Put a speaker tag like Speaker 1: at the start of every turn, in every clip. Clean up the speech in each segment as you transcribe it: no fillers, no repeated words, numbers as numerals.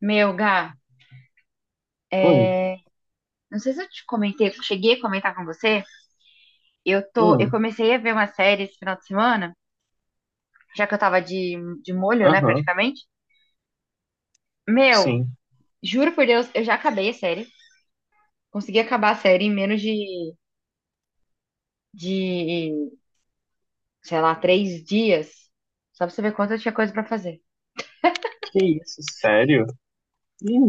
Speaker 1: Meu, Gá,
Speaker 2: Oi.
Speaker 1: não sei se eu te comentei, cheguei a comentar com você. Eu
Speaker 2: Hum.
Speaker 1: comecei a ver uma série esse final de semana, já que eu tava de molho, né,
Speaker 2: Aham.
Speaker 1: praticamente. Meu,
Speaker 2: Sim.
Speaker 1: juro por Deus, eu já acabei a série. Consegui acabar a série em menos de, sei lá, 3 dias. Só pra você ver quanto eu tinha coisa pra fazer.
Speaker 2: Que isso, sério?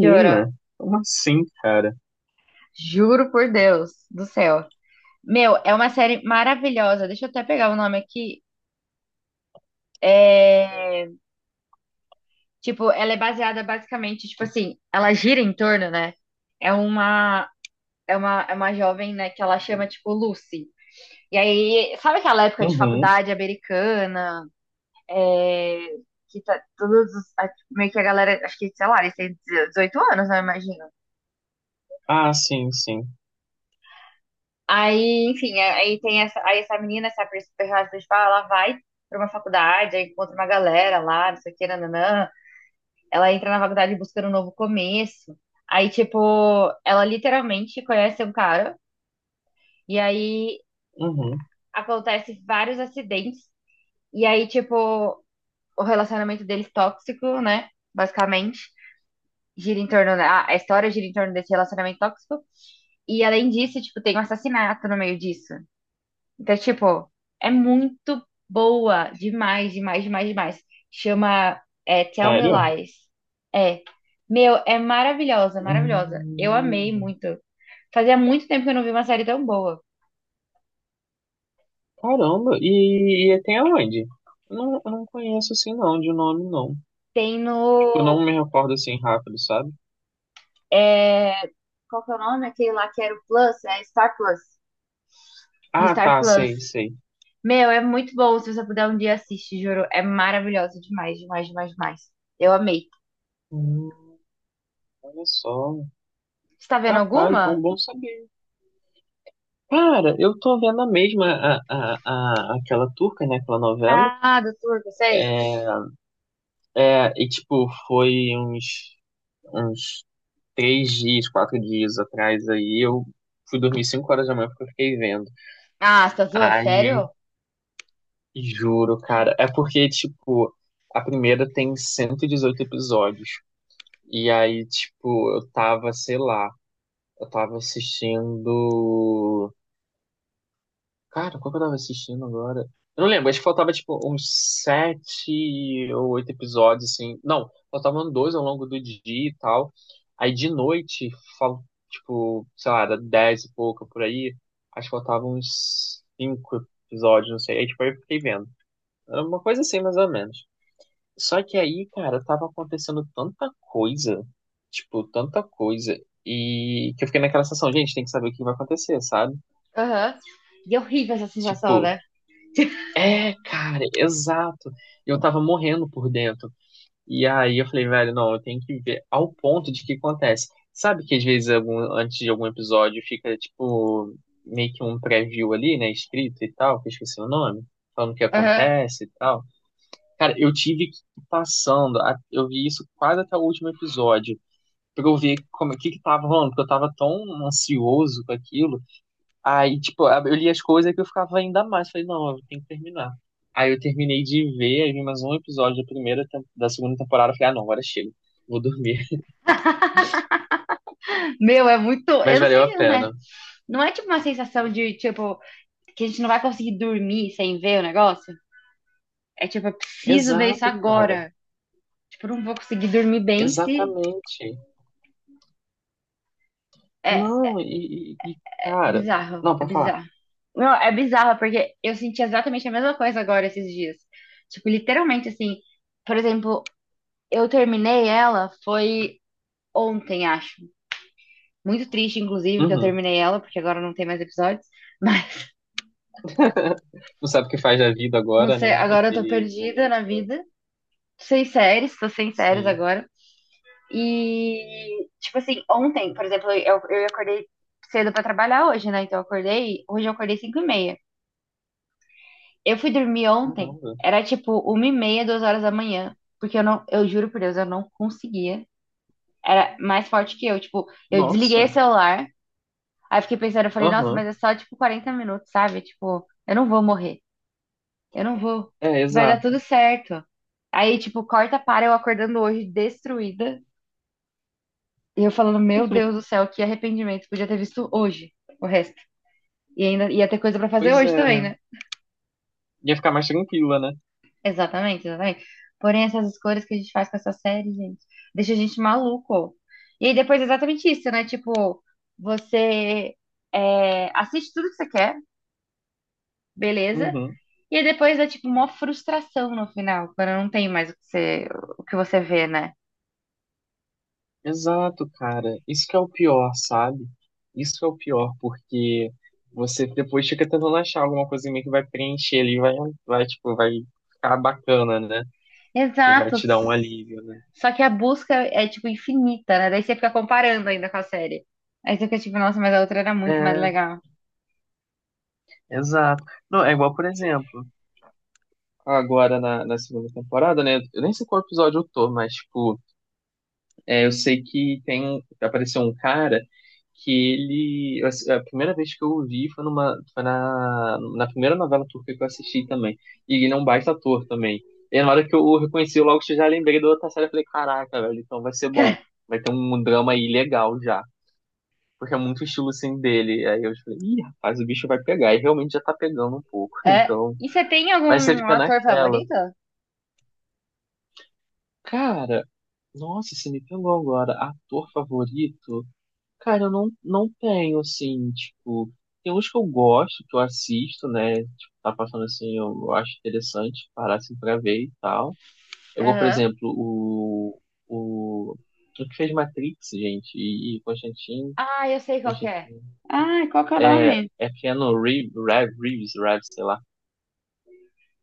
Speaker 1: Juro,
Speaker 2: como assim, cara?
Speaker 1: juro por Deus do céu. Meu, é uma série maravilhosa. Deixa eu até pegar o nome aqui. É. Tipo, ela é baseada basicamente, tipo assim, ela gira em torno, né? É uma, é uma jovem, né, que ela chama, tipo, Lucy. E aí, sabe aquela época de
Speaker 2: Uhum.
Speaker 1: faculdade americana, é, que tá todos, meio que a galera, acho que, sei lá, eles têm 18 anos, né, eu imagino.
Speaker 2: Ah, sim, sim.
Speaker 1: Aí, enfim, aí tem essa menina, essa personagem principal, ela vai pra uma faculdade, aí encontra uma galera lá, não sei o que, nananã. Ela entra na faculdade buscando um novo começo. Aí, tipo, ela literalmente conhece um cara. E aí
Speaker 2: Uhum.
Speaker 1: acontece vários acidentes. E aí, tipo, o relacionamento deles tóxico, né? Basicamente. Gira em torno. Da A história gira em torno desse relacionamento tóxico. E além disso, tipo, tem um assassinato no meio disso. Então, tipo, é muito boa. Demais, demais, demais, demais. Chama Tell Me
Speaker 2: Sério?
Speaker 1: Lies. É. Meu, é maravilhosa, maravilhosa. Eu amei
Speaker 2: Hum.
Speaker 1: muito. Fazia muito tempo que eu não vi uma série tão boa.
Speaker 2: Caramba. E tem aonde? Não, eu não conheço assim não, de nome não.
Speaker 1: Tem no.
Speaker 2: Tipo, não me recordo assim rápido, sabe?
Speaker 1: é, Qual que é o nome? Aquele lá que era o Plus? É Star Plus. No
Speaker 2: Ah,
Speaker 1: Star
Speaker 2: tá,
Speaker 1: Plus.
Speaker 2: sei, sei.
Speaker 1: Meu, é muito bom. Se você puder um dia assiste, juro. É maravilhosa demais, demais, demais, demais. Eu amei.
Speaker 2: Hum, olha só.
Speaker 1: Você tá vendo
Speaker 2: Rapaz,
Speaker 1: alguma?
Speaker 2: bom, bom saber. Cara, eu tô vendo a mesma, aquela turca, né? Aquela novela.
Speaker 1: Ah, doutor, você?
Speaker 2: É, e tipo, foi uns, uns 3 dias, 4 dias atrás aí, eu fui dormir 5 horas da manhã porque eu fiquei vendo.
Speaker 1: Ah, você tá zoando?
Speaker 2: Aí,
Speaker 1: Sério?
Speaker 2: juro, cara, é porque, tipo, a primeira tem 118 episódios. E aí, tipo, eu tava, sei lá, eu tava assistindo. Cara, qual que eu tava assistindo agora? Eu não lembro, acho que faltava tipo uns 7 ou 8 episódios, assim. Não, faltavam dois ao longo do dia e tal. Aí de noite, fal... tipo, sei lá, era 10 e pouco por aí. Acho que faltavam uns 5 episódios, não sei. Aí tipo, aí eu fiquei vendo. Era uma coisa assim, mais ou menos. Só que aí, cara, tava acontecendo tanta coisa, tipo, tanta coisa. E que eu fiquei naquela sensação, gente, tem que saber o que vai acontecer, sabe?
Speaker 1: Aham. E é horrível essa sensação,
Speaker 2: Tipo.
Speaker 1: né?
Speaker 2: É, cara, exato. Eu tava morrendo por dentro. E aí eu falei, velho, não, eu tenho que ver ao ponto de que acontece. Sabe que às vezes antes de algum episódio fica tipo meio que um preview ali, né, escrito e tal, que eu esqueci o nome, falando o que
Speaker 1: Aham.
Speaker 2: acontece e tal. Cara, eu tive que ir passando, eu vi isso quase até o último episódio, pra eu ver como o que que tava rolando, porque eu tava tão ansioso com aquilo. Aí, tipo, eu li as coisas que eu ficava ainda mais. Falei, não, eu tenho que terminar. Aí eu terminei de ver, aí vi mais um episódio da primeira, da segunda temporada. Eu falei, ah, não, agora chega. Vou dormir.
Speaker 1: Meu, é muito.
Speaker 2: Mas
Speaker 1: Eu não sei
Speaker 2: valeu
Speaker 1: o que
Speaker 2: a
Speaker 1: acontece.
Speaker 2: pena.
Speaker 1: Não é tipo uma sensação de, tipo, que a gente não vai conseguir dormir sem ver o negócio? É tipo, eu preciso ver isso
Speaker 2: Exato, cara.
Speaker 1: agora. Tipo, eu não vou conseguir dormir bem se.
Speaker 2: Exatamente.
Speaker 1: É,
Speaker 2: Não, e,
Speaker 1: é
Speaker 2: cara.
Speaker 1: bizarro,
Speaker 2: Não,
Speaker 1: é
Speaker 2: pra falar.
Speaker 1: bizarro. Não, é bizarro, porque eu senti exatamente a mesma coisa agora esses dias. Tipo, literalmente assim. Por exemplo, eu terminei ela foi ontem, acho. Muito triste, inclusive, que eu
Speaker 2: Uhum.
Speaker 1: terminei ela, porque agora não tem mais episódios. Mas
Speaker 2: Não sabe o que faz da vida
Speaker 1: não
Speaker 2: agora, né?
Speaker 1: sei, agora eu tô
Speaker 2: Naquele
Speaker 1: perdida
Speaker 2: momento.
Speaker 1: na vida. Sem séries, tô sem séries
Speaker 2: Sim.
Speaker 1: agora. E, tipo assim, ontem, por exemplo, eu acordei cedo pra trabalhar hoje, né? Então eu acordei, hoje eu acordei 5:30. Eu fui dormir ontem,
Speaker 2: Caramba.
Speaker 1: era tipo 1:30, 2 horas da manhã. Porque eu não, eu juro por Deus, eu não conseguia. Era mais forte que eu. Tipo, eu desliguei o
Speaker 2: Nossa.
Speaker 1: celular, aí fiquei pensando, eu falei, nossa, mas
Speaker 2: Aham.
Speaker 1: é só tipo 40 minutos, sabe? Tipo, eu não vou morrer. Eu não vou.
Speaker 2: É,
Speaker 1: Vai dar
Speaker 2: exato.
Speaker 1: tudo certo. Aí, tipo, corta para eu acordando hoje destruída. E eu falando, meu Deus do céu, que arrependimento. Podia ter visto hoje o resto. E ainda ia ter coisa pra fazer
Speaker 2: Pois
Speaker 1: hoje
Speaker 2: é,
Speaker 1: também,
Speaker 2: né?
Speaker 1: né?
Speaker 2: Ia ficar mais tranquila, né?
Speaker 1: Exatamente, exatamente. Porém, essas escolhas que a gente faz com essa série, gente, deixa a gente maluco. E aí depois é exatamente isso, né? Tipo, você assiste tudo que você quer, beleza?
Speaker 2: Uhum.
Speaker 1: E aí depois é tipo uma frustração no final, quando não tem mais o que você vê, né?
Speaker 2: Exato, cara. Isso que é o pior, sabe? Isso que é o pior, porque você depois fica tentando achar alguma coisinha que vai preencher ali, tipo, vai ficar bacana, né? Que vai
Speaker 1: Exato.
Speaker 2: te dar um alívio, né?
Speaker 1: Só que a busca é, tipo, infinita, né? Daí você fica comparando ainda com a série. Aí você fica tipo, nossa, mas a outra era muito mais
Speaker 2: É,
Speaker 1: legal.
Speaker 2: exato. Não, é igual, por exemplo, agora na segunda temporada, né? Eu nem sei qual episódio eu tô, mas, tipo, é, eu sei que tem, apareceu um cara. Que ele. Assim, a primeira vez que eu o vi foi na primeira novela turca que eu assisti também. E ele é um baita ator também. E na hora que eu o reconheci, eu logo já lembrei da outra série. Eu falei, caraca, velho, então vai ser bom. Vai ter um drama aí legal já. Porque é muito estilo assim dele. Aí eu falei, ih, rapaz, o bicho vai pegar. E realmente já tá pegando um pouco.
Speaker 1: É.
Speaker 2: Então.
Speaker 1: E você tem
Speaker 2: Mas você
Speaker 1: algum
Speaker 2: fica
Speaker 1: ator
Speaker 2: naquela.
Speaker 1: favorito?
Speaker 2: Cara, nossa, você me pegou agora. Ator favorito. Cara, eu não tenho, assim, tipo, tem uns que eu gosto, que eu assisto, né? Tipo, tá passando assim, eu acho interessante parar assim pra ver e tal. Eu vou, por
Speaker 1: Aham.
Speaker 2: exemplo, o, o que fez Matrix, gente, e Constantine,
Speaker 1: Ah, eu sei qual que é.
Speaker 2: Constantine,
Speaker 1: Ah, qual que é o
Speaker 2: é,
Speaker 1: nome?
Speaker 2: é Keanu Reeves, Reeves, Reeves, sei lá,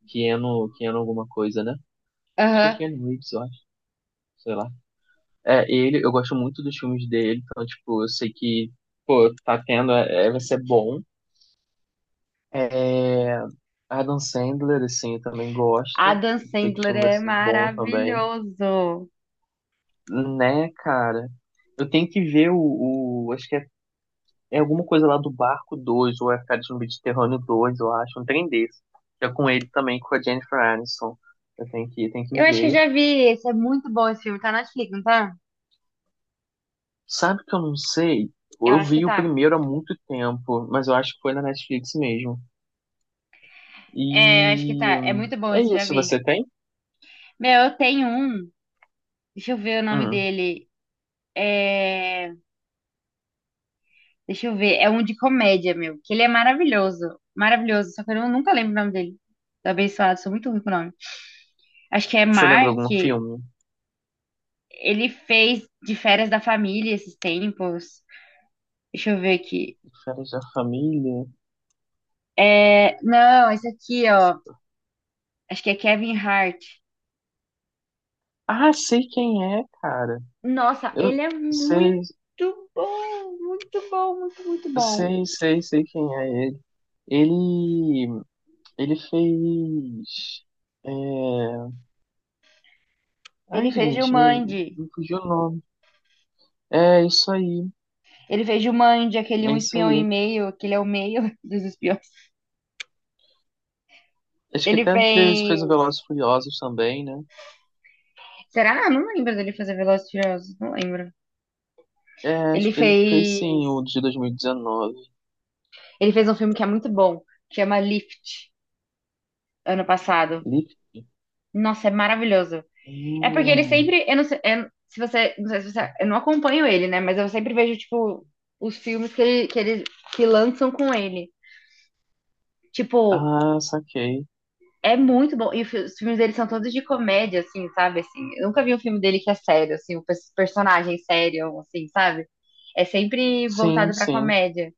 Speaker 2: Keanu, Keanu alguma coisa, né? Acho que é
Speaker 1: Aham.
Speaker 2: Keanu Reeves, eu acho, sei lá. É, ele, eu gosto muito dos filmes dele, então, tipo, eu sei que, pô, tá tendo, é, vai ser bom. É, Adam Sandler, assim, eu também gosto.
Speaker 1: Adam
Speaker 2: Sei que o
Speaker 1: Sandler
Speaker 2: filme vai
Speaker 1: é
Speaker 2: ser bom também.
Speaker 1: maravilhoso.
Speaker 2: Né, cara? Eu tenho que ver acho que é, alguma coisa lá do Barco 2 ou é Férias no Mediterrâneo 2 eu acho, um trem desse. Que é com ele também, com a Jennifer Aniston. Eu tenho que
Speaker 1: Eu acho que eu
Speaker 2: ver.
Speaker 1: já vi esse. É muito bom esse filme. Tá na Netflix, não tá?
Speaker 2: Sabe que eu não sei?
Speaker 1: Eu
Speaker 2: Eu
Speaker 1: acho que
Speaker 2: vi o
Speaker 1: tá.
Speaker 2: primeiro há muito tempo, mas eu acho que foi na Netflix mesmo. E
Speaker 1: É, eu acho que tá. É muito bom
Speaker 2: é
Speaker 1: esse, eu já
Speaker 2: isso,
Speaker 1: vi.
Speaker 2: você tem?
Speaker 1: Meu, eu tenho um. Deixa eu ver o nome
Speaker 2: Hum.
Speaker 1: dele. É... Deixa eu ver. É um de comédia, meu. Que ele é maravilhoso. Maravilhoso. Só que eu não- nunca lembro o nome dele. Do Abençoado. Sou muito ruim com o nome. Acho que é
Speaker 2: Você lembra
Speaker 1: Mark.
Speaker 2: algum filme?
Speaker 1: Ele fez de férias da família esses tempos. Deixa eu ver aqui.
Speaker 2: Férias da Família?
Speaker 1: Não, esse aqui, ó. Acho que é Kevin Hart.
Speaker 2: Ah, sei quem é, cara.
Speaker 1: Nossa, ele
Speaker 2: Eu
Speaker 1: é muito
Speaker 2: sei,
Speaker 1: bom. Muito bom, muito, muito bom.
Speaker 2: sei, sei, sei quem é ele. Ele, ele fez. É... Ai,
Speaker 1: Ele fez
Speaker 2: gente, me,
Speaker 1: Jumanji.
Speaker 2: me fugiu o nome. É isso aí,
Speaker 1: Ele fez Jumanji, aquele
Speaker 2: é
Speaker 1: Um
Speaker 2: isso
Speaker 1: Espião e
Speaker 2: aí.
Speaker 1: Meio, aquele é o meio dos espiões.
Speaker 2: Acho que
Speaker 1: Ele
Speaker 2: até fez o Velozes
Speaker 1: fez.
Speaker 2: e Furiosos também, né?
Speaker 1: Será? Não lembro dele fazer Velozes e Furiosos, não lembro.
Speaker 2: É,
Speaker 1: Ele
Speaker 2: acho que ele fez sim
Speaker 1: fez,
Speaker 2: o de 2019.
Speaker 1: ele fez um filme que é muito bom, que chama Lift, ano passado.
Speaker 2: Lift?
Speaker 1: Nossa, é maravilhoso. É porque ele
Speaker 2: Hum.
Speaker 1: sempre, eu não sei, se você, não sei se você, eu não acompanho ele, né, mas eu sempre vejo tipo os filmes que lançam com ele. Tipo,
Speaker 2: Ah, saquei.
Speaker 1: é muito bom. E os filmes dele são todos de comédia assim, sabe? Assim, eu nunca vi um filme dele que é sério assim, personagem sério assim, sabe? É sempre
Speaker 2: Sim,
Speaker 1: voltado pra
Speaker 2: sim.
Speaker 1: comédia.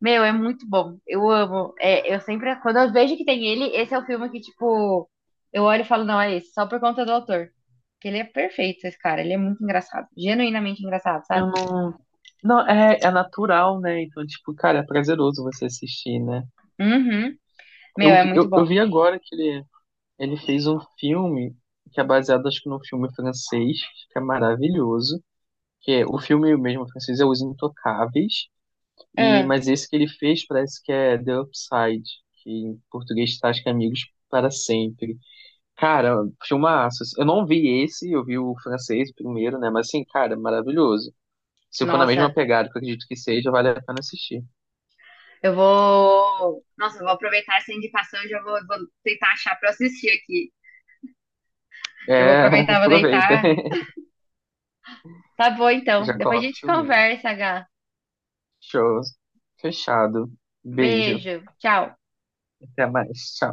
Speaker 1: Meu, é muito bom. Eu amo. É, eu sempre, quando eu vejo que tem ele, esse é o filme que, tipo, eu olho e falo, não, é esse, só por conta do autor. Porque ele é perfeito, esse cara. Ele é muito engraçado. Genuinamente engraçado,
Speaker 2: Eu
Speaker 1: sabe?
Speaker 2: não. Não, é natural, né? Então, tipo, cara, é prazeroso você assistir, né?
Speaker 1: Uhum. Meu,
Speaker 2: Eu,
Speaker 1: é
Speaker 2: vi-
Speaker 1: muito
Speaker 2: eu, eu
Speaker 1: bom.
Speaker 2: vi agora que ele fez um filme que é baseado, acho que, num filme francês, que é maravilhoso. Que é, o filme mesmo francês é Os Intocáveis, e,
Speaker 1: Ah,
Speaker 2: mas esse que ele fez parece que é The Upside, que em português tá, acho que é Amigos para Sempre. Cara, filmaço. Assim, eu não vi esse, eu vi o francês primeiro, né? Mas, assim, cara, maravilhoso. Se for na mesma
Speaker 1: nossa,
Speaker 2: pegada, que eu acredito que seja, vale a pena assistir.
Speaker 1: eu vou. Nossa, eu vou aproveitar essa indicação e já vou, vou tentar achar pra eu assistir aqui. Eu vou
Speaker 2: É,
Speaker 1: aproveitar, vou
Speaker 2: aproveita.
Speaker 1: deitar. Tá bom, então.
Speaker 2: Já
Speaker 1: Depois a
Speaker 2: coloca o
Speaker 1: gente
Speaker 2: filminho.
Speaker 1: conversa, Gá.
Speaker 2: Show. Fechado. Beijo.
Speaker 1: Beijo. Tchau.
Speaker 2: Até mais. Tchau.